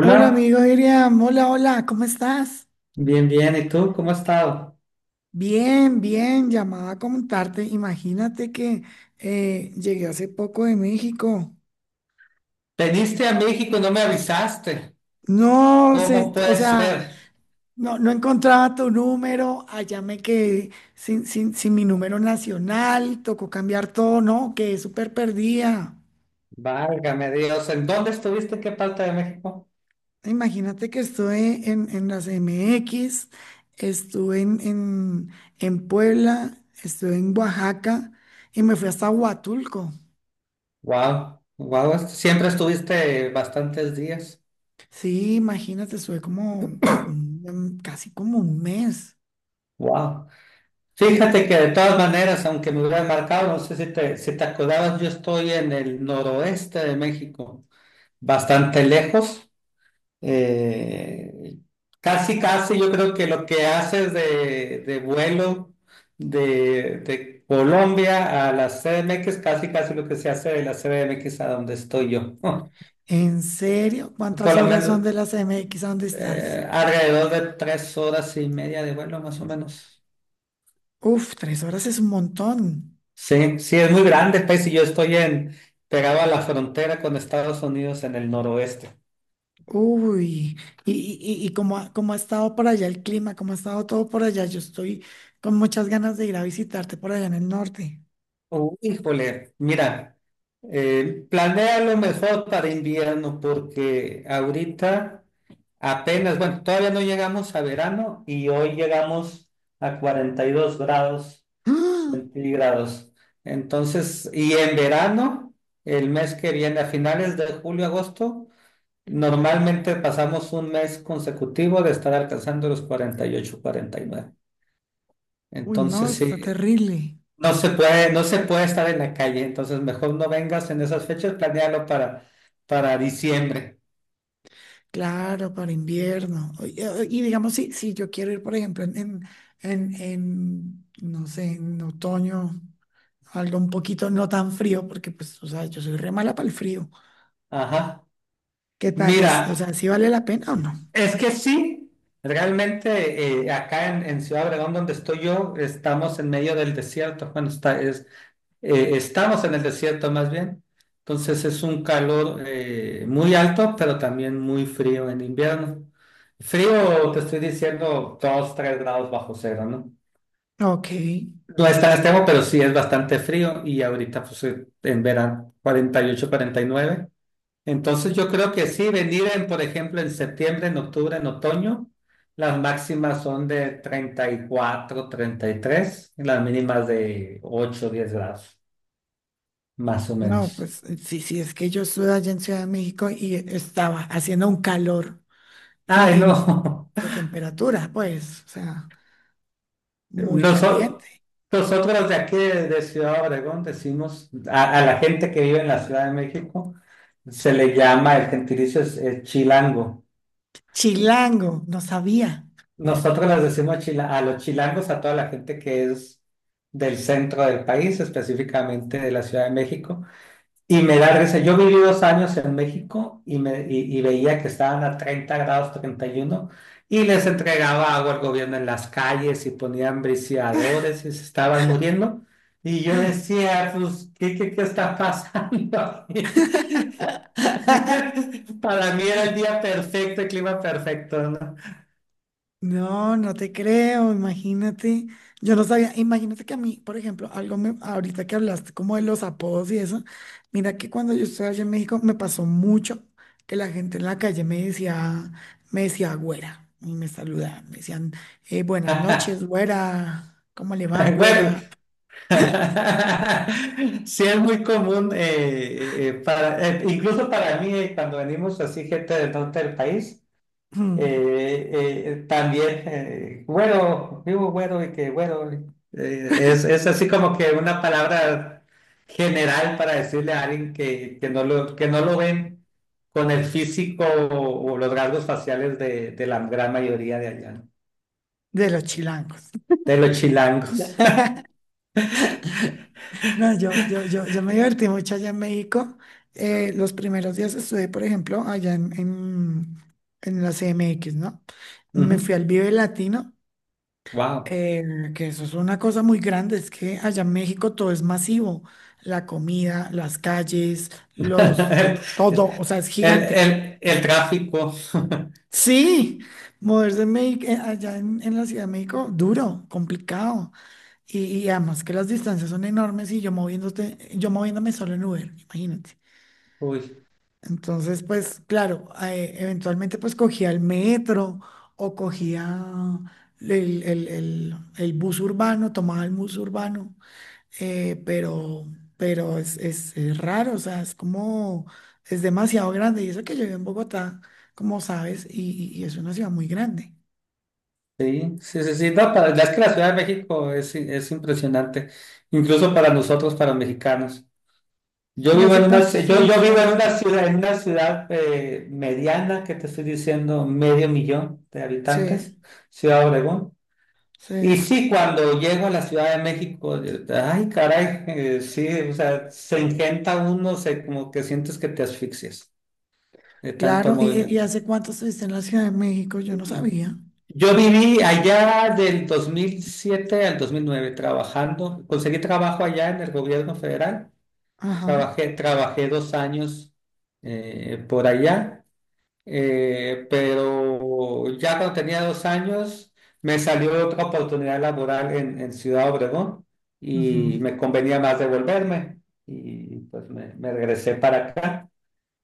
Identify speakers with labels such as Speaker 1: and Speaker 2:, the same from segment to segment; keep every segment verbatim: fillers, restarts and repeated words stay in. Speaker 1: Hola amigo Iriam, hola, hola, ¿cómo estás?
Speaker 2: bien, bien. ¿Y tú cómo has estado?
Speaker 1: Bien, bien, llamaba a comentarte. Imagínate que eh, llegué hace poco de México.
Speaker 2: Veniste a México y no me avisaste.
Speaker 1: No
Speaker 2: ¿Cómo
Speaker 1: sé, o
Speaker 2: puede
Speaker 1: sea,
Speaker 2: ser?
Speaker 1: no, no encontraba tu número, allá me quedé sin, sin, sin mi número nacional, tocó cambiar todo, no, quedé súper perdida.
Speaker 2: Válgame Dios. ¿En dónde estuviste? ¿En qué parte de México?
Speaker 1: Imagínate que estuve en, en las M X, estuve en, en, en Puebla, estuve en Oaxaca y me fui hasta Huatulco.
Speaker 2: Wow, wow. Siempre estuviste bastantes días.
Speaker 1: Sí, imagínate, estuve como mm, em, casi como un mes.
Speaker 2: Wow. Fíjate que de todas maneras, aunque me hubieran marcado, no sé si te, si te acordabas, yo estoy en el noroeste de México, bastante lejos. Eh, casi, casi yo creo que lo que haces de, de vuelo de, de Colombia a la C D M X, casi, casi lo que se hace de la C D M X a donde estoy yo. Por
Speaker 1: ¿En serio? ¿Cuántas
Speaker 2: lo
Speaker 1: horas son de
Speaker 2: menos
Speaker 1: las M X a dónde estás?
Speaker 2: eh, alrededor de tres horas y media de vuelo, más o menos.
Speaker 1: Uf, tres horas es un montón.
Speaker 2: Sí, sí, es muy grande el país, y yo estoy en, pegado a la frontera con Estados Unidos en el noroeste.
Speaker 1: Uy, y, y, y y cómo, ha- cómo ha estado por allá el clima, cómo ha estado todo por allá. Yo estoy con muchas ganas de ir a visitarte por allá en el norte.
Speaker 2: Oh, híjole, mira, eh, planea lo mejor para invierno, porque ahorita apenas, bueno, todavía no llegamos a verano y hoy llegamos a cuarenta y dos grados
Speaker 1: ¡Ah!
Speaker 2: centígrados. Entonces, y en verano, el mes que viene, a finales de julio, agosto, normalmente pasamos un mes consecutivo de estar alcanzando los cuarenta cuarenta y ocho, cuarenta y nueve.
Speaker 1: Uy, no,
Speaker 2: Entonces,
Speaker 1: está
Speaker 2: sí.
Speaker 1: terrible.
Speaker 2: No se puede, no se puede estar en la calle, entonces mejor no vengas en esas fechas, planéalo para, para diciembre.
Speaker 1: Claro, para invierno. Oy- eh, Y, digamos, si, si yo quiero ir, por ejemplo, en, en, en, en, no sé, en otoño, algo un poquito no tan frío, porque pues, o sea, yo soy re mala para el frío.
Speaker 2: Ajá.
Speaker 1: ¿Qué tal
Speaker 2: Mira,
Speaker 1: es? O sea, ¿si vale la pena o no?
Speaker 2: es que sí, realmente eh, acá en, en Ciudad Obregón, donde estoy yo, estamos en medio del desierto. Bueno, está, es, eh, estamos en el desierto más bien. Entonces es un calor eh, muy alto, pero también muy frío en invierno. Frío, te estoy diciendo, dos tres grados bajo cero, ¿no?
Speaker 1: Ok.
Speaker 2: No es tan extremo, pero sí es bastante frío, y ahorita pues eh, en verano cuarenta y ocho, cuarenta y nueve. Entonces yo creo que sí, venir en, por ejemplo, en septiembre, en octubre, en otoño, las máximas son de treinta y cuatro, treinta y tres, y tres, y las mínimas de ocho, diez grados, más o
Speaker 1: No,
Speaker 2: menos.
Speaker 1: pues eh, sí, sí, es que yo estuve allá en Ciudad de México y estaba haciendo un calor
Speaker 2: Ay,
Speaker 1: y, y no
Speaker 2: no.
Speaker 1: la temperatura, pues, o sea, muy
Speaker 2: Noso-
Speaker 1: caliente.
Speaker 2: Nosotros de aquí de, de Ciudad Obregón decimos a, a la gente que vive en la Ciudad de México, se le llama, el gentilicio es eh, chilango.
Speaker 1: Chilango, no sabía.
Speaker 2: Nosotros les decimos chila- a los chilangos, a toda la gente que es del centro del país, específicamente de la Ciudad de México. Y me da risa. Yo viví dos años en México, y, me, y, y veía que estaban a treinta grados treinta y uno y les entregaba agua al gobierno en las calles y ponían briciadores y se estaban muriendo. Y yo decía, pues, ¿qué, qué, ¿qué está pasando aquí? Para mí era el día perfecto, el clima perfecto, ¿no?
Speaker 1: No, no te creo, imagínate. Yo no sabía, imagínate que a mí, por ejemplo, algo me, ahorita que hablaste como de los apodos y eso, mira que cuando yo estuve allá en México me pasó mucho que la gente en la calle me decía, me decía güera, y me saludaban, me decían, eh, buenas noches, güera, ¿cómo le va,
Speaker 2: Bueno,
Speaker 1: güera?
Speaker 2: sí, es muy común, eh, eh, eh, para, eh, incluso para mí, eh, cuando venimos así, gente del norte del país,
Speaker 1: Mm.
Speaker 2: eh, eh, eh, también, eh, güero, vivo güero y que güero, eh, es, es así como que una palabra general para decirle a alguien que, que no lo, que no lo ven con el físico o, o los rasgos faciales de, de la gran mayoría de allá, ¿no?
Speaker 1: De los chilangos.
Speaker 2: De los chilangos.
Speaker 1: No, yo, yo, yo, yo me divertí mucho allá en México. Eh, los primeros días estuve, por ejemplo, allá en, en, en la C M X, ¿no? Me fui al Vive Latino,
Speaker 2: Wow.
Speaker 1: eh, que eso es una cosa muy grande, es que allá en México todo es masivo, la comida, las calles, los, lo- todo, o sea, es
Speaker 2: El,
Speaker 1: gigante.
Speaker 2: el, el tráfico,
Speaker 1: Sí, moverse en Mex- eh, allá en, en la Ciudad de México, duro, complicado. Y, y además que las distancias son enormes y yo moviéndote, yo moviéndome solo en Uber, imagínate.
Speaker 2: uy,
Speaker 1: Entonces, pues claro, eh, eventualmente pues cogía el metro o cogía el, el- el- el bus urbano, tomaba el bus urbano, eh, pero, pero, es, es- es raro, o sea, es como, es demasiado grande. Y eso que yo vivo en Bogotá, como sabes, y, y- y es una ciudad muy grande.
Speaker 2: sí, sí, sí, sí, no, para- es que la Ciudad de México es, es impresionante, incluso para nosotros, para mexicanos. Yo
Speaker 1: ¿Y
Speaker 2: vivo en
Speaker 1: hace
Speaker 2: una,
Speaker 1: cuánto
Speaker 2: ci- yo, yo
Speaker 1: estuviste
Speaker 2: vivo en
Speaker 1: allá?
Speaker 2: una ciudad, en una ciudad eh, mediana, que te estoy diciendo, medio millón de
Speaker 1: Sí,
Speaker 2: habitantes, Ciudad Obregón.
Speaker 1: sí,
Speaker 2: Y sí, cuando llego a la Ciudad de México, eh, ay, caray, eh, sí, o sea, se engenta uno, se, como que sientes que te asfixias de tanto
Speaker 1: claro. ¿Y, y
Speaker 2: movimiento.
Speaker 1: hace cuánto estuviste en la Ciudad de México? Yo no sabía.
Speaker 2: Yo viví allá del dos mil siete al dos mil nueve trabajando. Conseguí trabajo allá en el gobierno federal.
Speaker 1: Ajá.
Speaker 2: Trabajé, trabajé dos años eh, por allá. Eh, pero ya cuando tenía dos años me salió otra oportunidad laboral en, en Ciudad Obregón, y me convenía más devolverme, y pues me, me regresé para acá.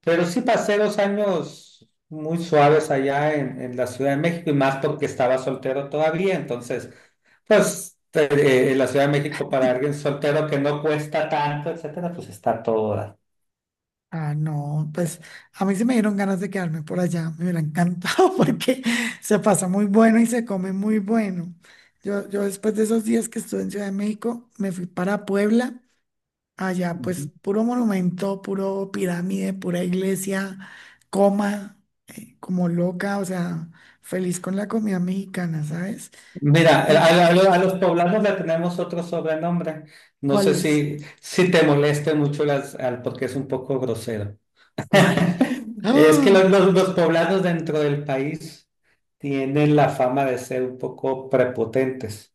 Speaker 2: Pero sí pasé dos años muy suaves allá en, en la Ciudad de México, y más porque estaba soltero todavía. Entonces, pues te- eh, la Ciudad de México para alguien soltero que no cuesta tanto, etcétera, pues está todo. Da.
Speaker 1: Ah, no, pues a mí se me dieron ganas de quedarme por allá, me hubiera encantado porque se pasa muy bueno y se come muy bueno. Yo, yo después de esos días que estuve en Ciudad de México, me fui para Puebla, allá pues
Speaker 2: Ujú.
Speaker 1: puro monumento, puro pirámide, pura iglesia, coma, eh, como loca, o sea, feliz con la comida mexicana, ¿sabes?
Speaker 2: Mira, a,
Speaker 1: ¿Y
Speaker 2: a- a los poblanos le tenemos otro sobrenombre. No
Speaker 1: cuál
Speaker 2: sé
Speaker 1: es?
Speaker 2: si, si te moleste mucho las, al, porque es un poco grosero.
Speaker 1: ¿Cuál?
Speaker 2: Es que los,
Speaker 1: Ah,
Speaker 2: los, los poblanos dentro del país tienen la fama de ser un poco prepotentes.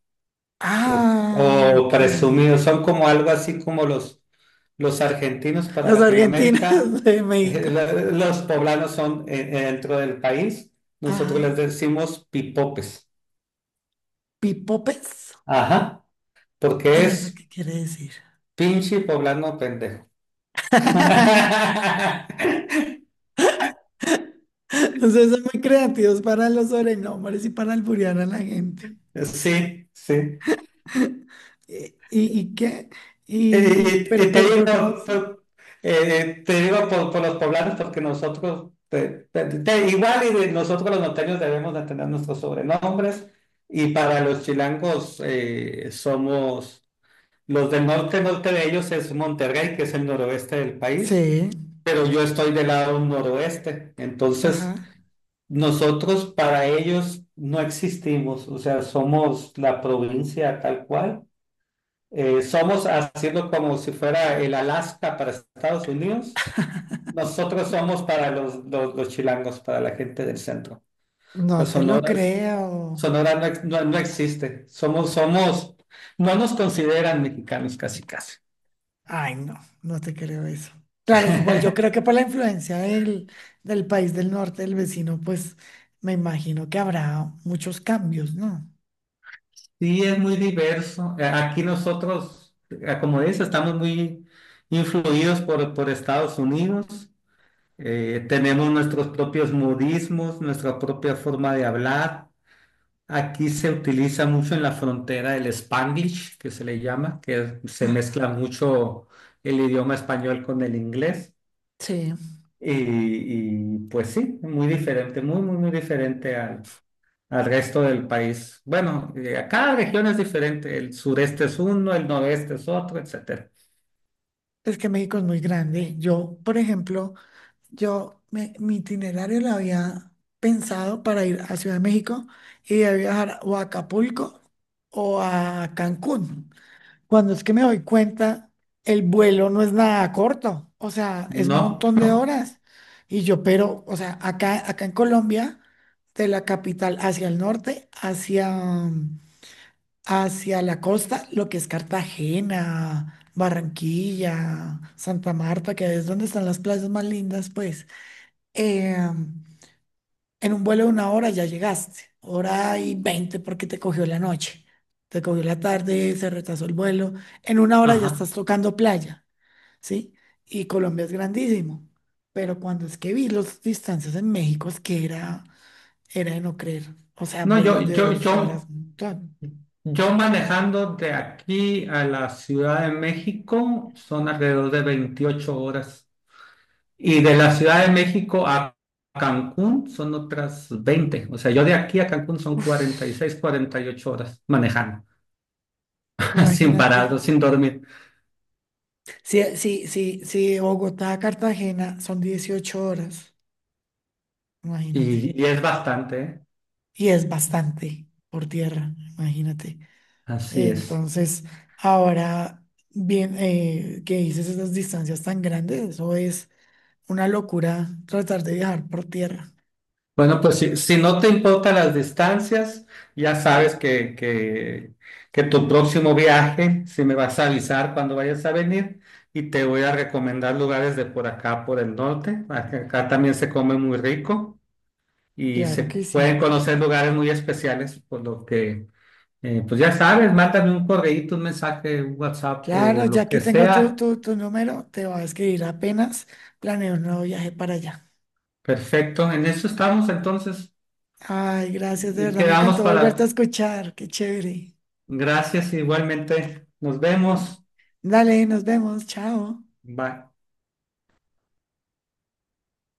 Speaker 2: O,
Speaker 1: ah,
Speaker 2: o
Speaker 1: ok.
Speaker 2: presumidos, son como algo así como los, los argentinos para
Speaker 1: Los argentinos
Speaker 2: Latinoamérica,
Speaker 1: de
Speaker 2: eh,
Speaker 1: México.
Speaker 2: la- los poblanos son eh, eh, dentro del país, nosotros les
Speaker 1: Ajá.
Speaker 2: decimos pipopes,
Speaker 1: Pipopes.
Speaker 2: ajá, porque
Speaker 1: ¿Y eso
Speaker 2: es
Speaker 1: qué quiere decir?
Speaker 2: pinche poblano pendejo.
Speaker 1: O sea, son muy creativos para los sobrenombres y para alburear a la gente.
Speaker 2: Sí, sí.
Speaker 1: ¿Y, y- y qué? Y, y-
Speaker 2: Eh,
Speaker 1: pero,
Speaker 2: Y te
Speaker 1: pero,
Speaker 2: digo,
Speaker 1: pero, ¿cómo? ¿así?
Speaker 2: pero, eh, te digo por, por los poblanos, porque nosotros, te- te- te- igual, y de nosotros los norteños debemos de tener nuestros sobrenombres, y para los chilangos eh, somos, los del norte, norte de ellos es Monterrey, que es el noroeste del país,
Speaker 1: Sí,
Speaker 2: pero yo estoy del lado noroeste. Entonces
Speaker 1: ajá.
Speaker 2: nosotros para ellos no existimos, o sea, somos la provincia tal cual. Eh, somos haciendo como si fuera el Alaska para Estados Unidos. Nosotros somos para los, los, los chilangos, para la gente del centro. O sea,
Speaker 1: No te lo
Speaker 2: Sonora, es-
Speaker 1: creo.
Speaker 2: Sonora no, ex- no- no existe. Somos, somos no nos consideran mexicanos, casi, casi.
Speaker 1: Ay, no, no te creo eso. Claro, igual yo creo que por la influencia del, del país del norte, del vecino, pues me imagino que habrá muchos cambios, ¿no?
Speaker 2: Sí, es muy diverso. Eh, Aquí nosotros, eh, como dices, estamos muy influidos por, por Estados Unidos. Eh, tenemos nuestros propios modismos, nuestra propia forma de hablar. Aquí se utiliza mucho en la frontera el Spanglish, que se le llama, que se mezcla mucho el idioma español con el inglés.
Speaker 1: Sí,
Speaker 2: Y, y, pues sí, muy diferente, muy, muy, muy diferente al, al resto del país. Bueno, eh, a cada región es diferente. El sureste es uno, el noreste es otro, etcétera.
Speaker 1: es que México es muy grande. Yo, por ejemplo, Yo, me- mi itinerario lo había pensado para ir a Ciudad de México y de ahí viajar o a Acapulco o a Cancún. Cuando es que me doy cuenta, el vuelo no es nada corto, o sea, es un
Speaker 2: No,
Speaker 1: montón de horas. Y yo, pero, o sea, acá, acá en Colombia, de la capital hacia el norte, hacia, mm, hacia la costa, lo que es Cartagena, Barranquilla, Santa Marta, que es donde están las playas más lindas, pues eh, en un vuelo de una hora ya llegaste, hora y veinte porque te cogió la noche, te cogió la tarde, se retrasó el vuelo, en una hora ya
Speaker 2: ajá.
Speaker 1: estás tocando playa, ¿sí? Y Colombia es grandísimo, pero cuando es que vi las distancias en México es que era, era de no creer, o sea,
Speaker 2: No, yo,
Speaker 1: vuelos de
Speaker 2: yo,
Speaker 1: dos horas,
Speaker 2: yo,
Speaker 1: un montón.
Speaker 2: yo manejando de aquí a la Ciudad de México son alrededor de veintiocho horas. Y de la Ciudad de México a Cancún son otras veinte. O sea, yo de aquí a Cancún son cuarenta y seis, cuarenta y ocho horas manejando, sin parado,
Speaker 1: Imagínate,
Speaker 2: sin dormir.
Speaker 1: si, si, si, si de Bogotá a Cartagena son dieciocho horas, imagínate,
Speaker 2: Y, y es bastante, ¿eh?
Speaker 1: y es bastante por tierra, imagínate.
Speaker 2: Así es.
Speaker 1: Entonces, ahora, bien, eh, que dices esas distancias tan grandes, eso es una locura tratar de viajar por tierra.
Speaker 2: Bueno, pues si, si no te importan las distancias, ya sabes que, que, que tu próximo viaje, si me vas a avisar cuando vayas a venir, y te voy a recomendar lugares de por acá, por el norte. Acá acá también se come muy rico, y se
Speaker 1: Claro que
Speaker 2: pueden
Speaker 1: sí.
Speaker 2: conocer lugares muy especiales, por lo que, eh, pues ya sabes, mándame un correíto, un mensaje, un WhatsApp
Speaker 1: Claro,
Speaker 2: o lo
Speaker 1: ya
Speaker 2: que
Speaker 1: que tengo tu,
Speaker 2: sea.
Speaker 1: tu, tu número, te voy a escribir apenas. Planeo un nuevo viaje para allá.
Speaker 2: Perfecto, en eso estamos entonces,
Speaker 1: Ay, gracias, de
Speaker 2: y
Speaker 1: verdad, me
Speaker 2: quedamos
Speaker 1: encantó volverte a
Speaker 2: para...
Speaker 1: escuchar. Qué chévere.
Speaker 2: Gracias, igualmente. Nos vemos.
Speaker 1: Dale, nos vemos. Chao.
Speaker 2: Bye.